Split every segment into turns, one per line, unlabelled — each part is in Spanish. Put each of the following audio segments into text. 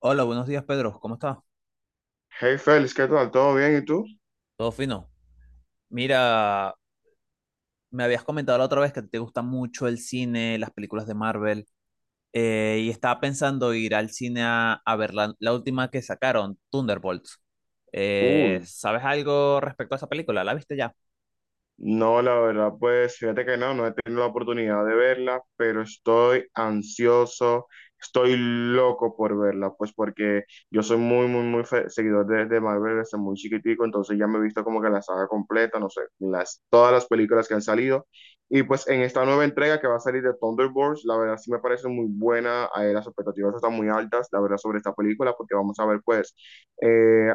Hola, buenos días, Pedro. ¿Cómo estás?
Hey Félix, ¿qué tal? ¿Todo bien? ¿Y tú?
Todo fino. Mira, me habías comentado la otra vez que te gusta mucho el cine, las películas de Marvel. Y estaba pensando ir al cine a ver la última que sacaron, Thunderbolts.
Uy,
¿Sabes algo respecto a esa película? ¿La viste ya?
no, la verdad, pues fíjate que no he tenido la oportunidad de verla, pero estoy ansioso, estoy loco por verla, pues porque yo soy muy, muy, muy seguidor de Marvel desde muy chiquitico, entonces ya me he visto como que la saga completa, no sé, todas las películas que han salido. Y pues en esta nueva entrega que va a salir de Thunderbolts, la verdad sí me parece muy buena, las expectativas están muy altas, la verdad, sobre esta película, porque vamos a ver pues eh,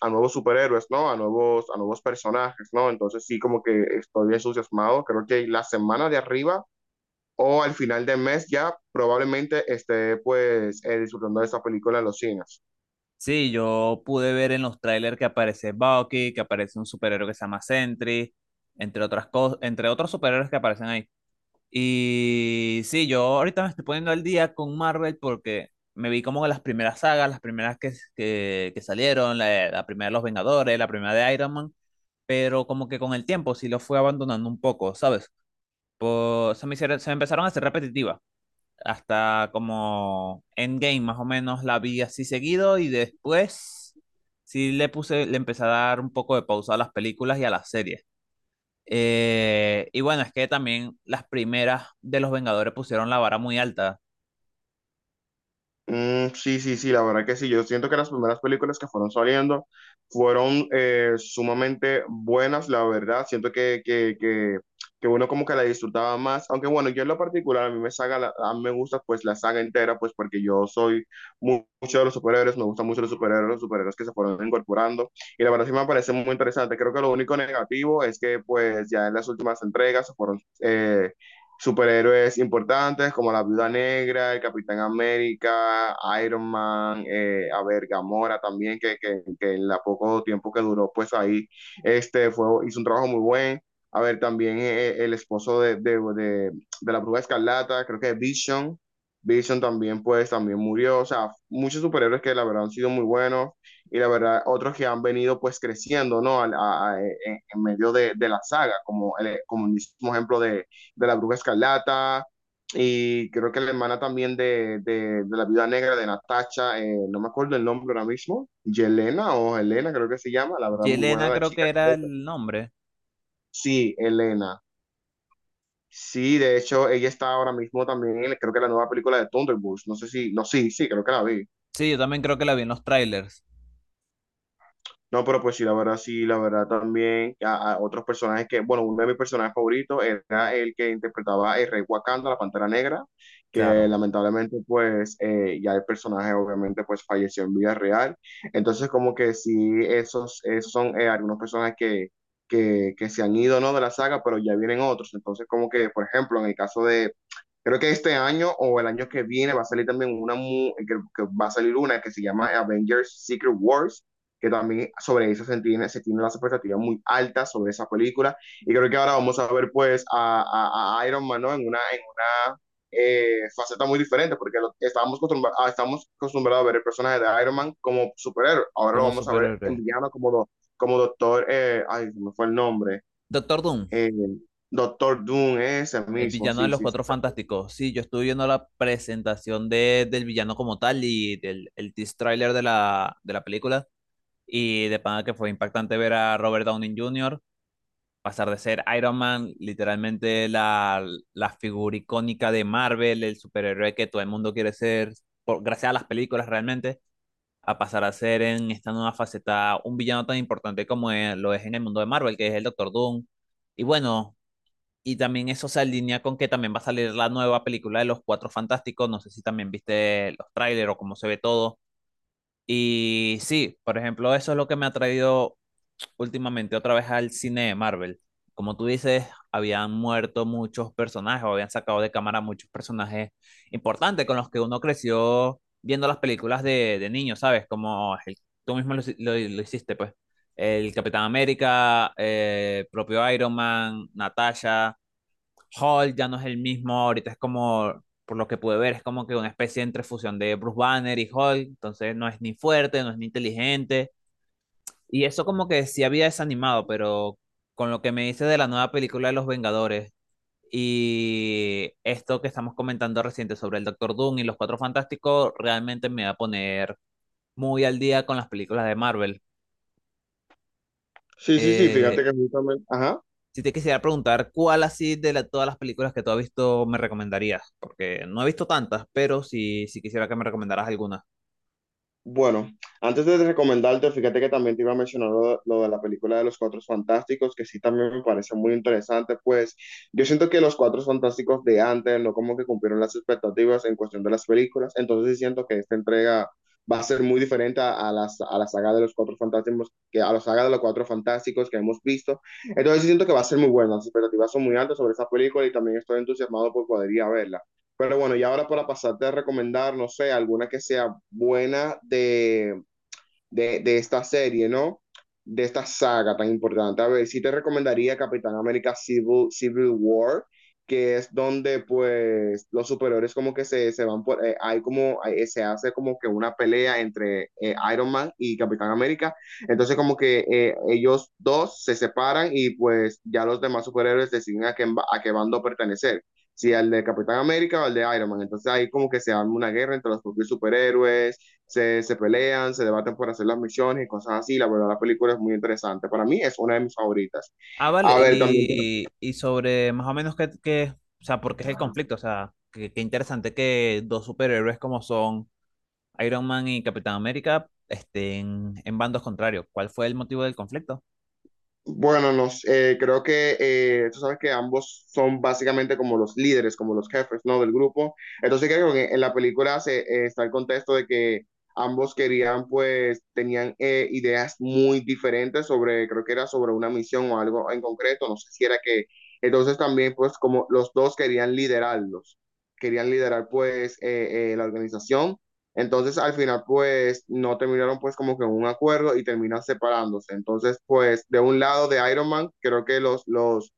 a nuevos superhéroes, ¿no? A nuevos personajes, ¿no? Entonces sí, como que estoy entusiasmado. Creo que la semana de arriba o al final del mes ya probablemente esté pues disfrutando de esta película en los cines.
Sí, yo pude ver en los trailers que aparece Bucky, que aparece un superhéroe que se llama Sentry, entre otras cosas, entre otros superhéroes que aparecen ahí. Y sí, yo ahorita me estoy poniendo al día con Marvel porque me vi como las primeras sagas, las primeras que salieron, la primera de Los Vengadores, la primera de Iron Man, pero como que con el tiempo sí lo fui abandonando un poco, ¿sabes? Pues se me empezaron a hacer repetitivas, hasta como Endgame más o menos la vi así seguido y después sí le empecé a dar un poco de pausa a las películas y a las series. Y bueno, es que también las primeras de los Vengadores pusieron la vara muy alta.
Mm, sí, sí, sí, la verdad que sí. Yo siento que las primeras películas que fueron saliendo fueron sumamente buenas, la verdad. Siento que uno como que la disfrutaba más. Aunque bueno, yo en lo particular, a mí me gusta pues la saga entera, pues porque yo soy mucho de los superhéroes, me gustan mucho los superhéroes, que se fueron incorporando. Y la verdad sí me parece muy interesante. Creo que lo único negativo es que pues ya en las últimas entregas se fueron. Superhéroes importantes como la Viuda Negra, el Capitán América, Iron Man, a ver, Gamora también, que en la poco tiempo que duró, pues ahí este hizo un trabajo muy buen. A ver, también el esposo de la Bruja Escarlata, creo que Vision, también, pues, también murió. O sea, muchos superhéroes que la verdad han sido muy buenos y la verdad otros que han venido, pues, creciendo, ¿no? En medio de la saga, como el mismo ejemplo de la Bruja Escarlata y creo que la hermana también de la Viuda Negra de Natasha, no me acuerdo el nombre ahora mismo, Yelena o Elena creo que se llama, la verdad muy buena
Yelena
la
creo
chica.
que era el nombre.
Sí, Elena. Sí, de hecho ella está ahora mismo también en creo que la nueva película de Thunderbolts, no sé si, no, sí, sí, creo que la vi.
Sí, yo también creo que la vi en los trailers.
No, pero pues sí, la verdad también a otros personajes que, bueno, uno de mis personajes favoritos era el que interpretaba el Rey Wakanda, la Pantera Negra, que
Claro,
lamentablemente pues ya el personaje obviamente pues falleció en vida real. Entonces como que sí, esos son algunos personajes que se han ido, ¿no? De la saga, pero ya vienen otros. Entonces como que, por ejemplo, en el caso de, creo que este año o el año que viene va a salir también una que va a salir una que se llama Avengers Secret Wars, que también sobre eso se tiene las expectativas muy altas sobre esa película. Y creo que ahora vamos a ver pues a Iron Man, ¿no? En una faceta muy diferente, porque lo, estábamos, acostumbrados, ah, estábamos acostumbrados a ver el personaje de Iron Man como superhéroe, ahora lo
como
vamos a ver en
superhéroe.
villano como doctor, ay, se me fue el nombre,
Doctor Doom,
eh, Doctor Doom, ese
el
mismo,
villano de
sí,
los
sí, sí.
Cuatro Fantásticos. Sí, yo estuve viendo la presentación del villano como tal y el tease trailer de la película. Y de pana que fue impactante ver a Robert Downey Jr. pasar de ser Iron Man, literalmente la figura icónica de Marvel, el superhéroe que todo el mundo quiere ser, gracias a las películas realmente, a pasar a ser en esta nueva faceta un villano tan importante lo es en el mundo de Marvel, que es el Doctor Doom. Y bueno, y también eso se alinea con que también va a salir la nueva película de los Cuatro Fantásticos, no sé si también viste los trailers o cómo se ve todo. Y sí, por ejemplo, eso es lo que me ha traído últimamente otra vez al cine de Marvel. Como tú dices, habían muerto muchos personajes o habían sacado de cámara muchos personajes importantes con los que uno creció viendo las películas de niño, ¿sabes? Tú mismo lo hiciste, pues. El Capitán América, propio Iron Man, Natasha, Hulk ya no es el mismo, ahorita es como, por lo que pude ver, es como que una especie entre fusión de Bruce Banner y Hulk, entonces no es ni fuerte, no es ni inteligente y eso como que sí había desanimado, pero con lo que me dices de la nueva película de Los Vengadores y esto que estamos comentando reciente sobre el Doctor Doom y los Cuatro Fantásticos, realmente me va a poner muy al día con las películas de Marvel.
Sí, sí, sí, fíjate
Eh,
que justamente, ajá.
si te quisiera preguntar, ¿cuál así todas las películas que tú has visto me recomendarías? Porque no he visto tantas, pero sí quisiera que me recomendaras alguna.
Bueno, antes de recomendarte, fíjate que también te iba a mencionar de lo de la película de los Cuatro Fantásticos, que sí también me parece muy interesante, pues yo siento que los Cuatro Fantásticos de antes no como que cumplieron las expectativas en cuestión de las películas, entonces sí siento que esta entrega va a ser muy diferente a la saga de los Cuatro Fantásticos, que a la saga de los Cuatro Fantásticos que hemos visto, entonces sí siento que va a ser muy buena, las expectativas son muy altas sobre esa película y también estoy entusiasmado por poder ir a verla. Pero bueno, y ahora para pasarte a recomendar, no sé, alguna que sea buena de esta serie, ¿no? De esta saga tan importante. A ver, sí te recomendaría Capitán América Civil War, que es donde pues los superiores como que se van se hace como que una pelea entre Iron Man y Capitán América, entonces como que ellos dos se separan y pues ya los demás superhéroes deciden a qué bando pertenecer, si al de Capitán América o al de Iron Man, entonces ahí como que se arma una guerra entre los propios superhéroes, se pelean, se debaten por hacer las misiones y cosas así. La verdad, la película es muy interesante. Para mí es una de mis favoritas.
Ah, vale,
A ver, también.
y sobre más o menos o sea, por qué es el conflicto, o sea, qué interesante que dos superhéroes como son Iron Man y Capitán América estén en bandos contrarios. ¿Cuál fue el motivo del conflicto?
Bueno, creo que tú sabes que ambos son básicamente como los líderes, como los jefes, ¿no? Del grupo. Entonces creo que en la película está el contexto de que ambos pues, tenían ideas muy diferentes sobre, creo que era sobre una misión o algo en concreto, no sé si era que, entonces también, pues, como los dos querían liderar, pues, la organización, entonces al final pues no terminaron pues como que en un acuerdo y terminan separándose. Entonces pues de un lado de Iron Man creo que los, los,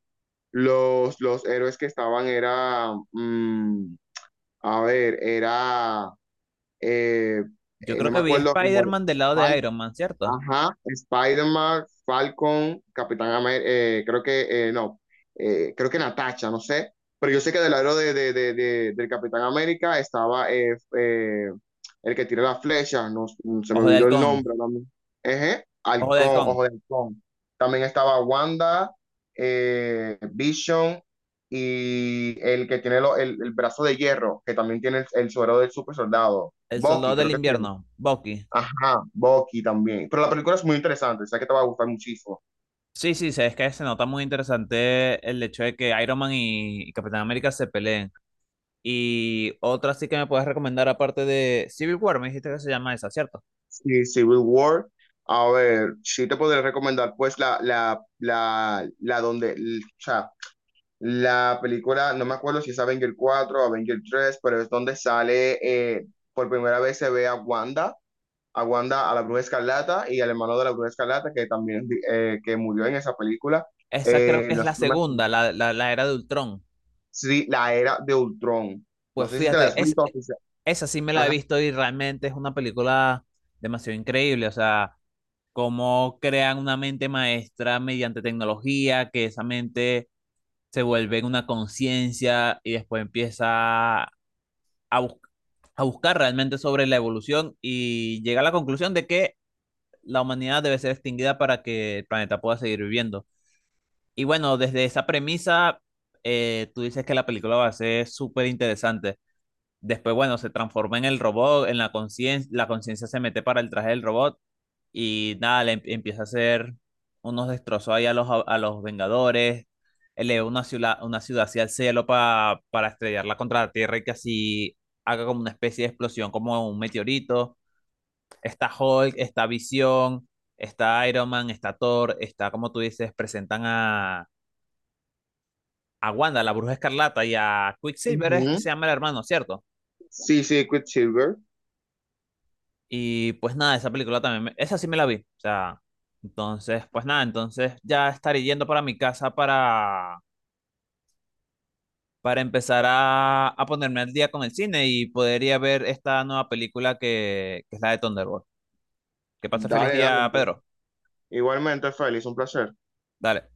los, los héroes que estaban a ver, eh,
Yo
no
creo
me
que vi a
acuerdo,
Spider-Man del lado de Iron Man, ¿cierto?
ajá, Spider-Man, Falcon, Capitán América, creo que, no, creo que Natasha, no sé, pero yo sé que del lado del Capitán América estaba el que tira las flechas, no, se me
Ojo de
olvidó el
Halcón.
nombre también,
Ojo de Halcón.
Ojo de Halcón, también estaba Wanda, Vision y el que tiene el brazo de hierro, que también tiene el suero del super soldado,
El
Bucky,
Soldado
creo
del
que sí.
Invierno, Bucky.
Ajá, Bucky también. Pero la película es muy interesante, sé que te va a gustar muchísimo.
Sí, sí, sí, es que se nota muy interesante el hecho de que Iron Man y Capitán América se peleen. Y otra sí que me puedes recomendar aparte de Civil War, me dijiste que se llama esa, ¿cierto?
Sí, Civil War. A ver, sí te podría recomendar pues o sea, la película, no me acuerdo si es Avenger 4 o Avenger 3, pero es donde sale, por primera vez se ve a Wanda, a la Bruja Escarlata y al hermano de la Bruja Escarlata que también que murió en esa película.
Esa creo
Eh,
que es
no
la
sé, no me acuerdo.
segunda, la era de Ultrón.
Sí, la era de Ultron. No
Pues
sé si te la has
fíjate,
visto. Oficial.
esa sí me la he visto y realmente es una película demasiado increíble. O sea, cómo crean una mente maestra mediante tecnología, que esa mente se vuelve en una conciencia y después empieza bus- a buscar realmente sobre la evolución y llega a la conclusión de que la humanidad debe ser extinguida para que el planeta pueda seguir viviendo. Y bueno, desde esa premisa, tú dices que la película va a ser súper interesante. Después, bueno, se transforma en el robot, en la conciencia se mete para el traje del robot y nada, empieza a hacer unos destrozos ahí a los Vengadores, eleva una ciudad hacia el cielo para estrellarla contra la Tierra y que así haga como una especie de explosión, como un meteorito. Está Hulk, está Visión, está Iron Man, está Thor, está, como tú dices, presentan a Wanda, la Bruja Escarlata y a Quicksilver es que
Ajá.
se llama el hermano, ¿cierto?
Sí, sí, Quicksilver.
Y pues nada, esa película también, esa sí me la vi, o sea, entonces, pues nada, entonces ya estaré yendo para mi casa para empezar a ponerme al día con el cine y podría ver esta nueva película que es la de Thunderbolt. Que pase feliz
Dale, dale,
día,
entonces.
Pedro.
Igualmente, Félix, un placer.
Dale.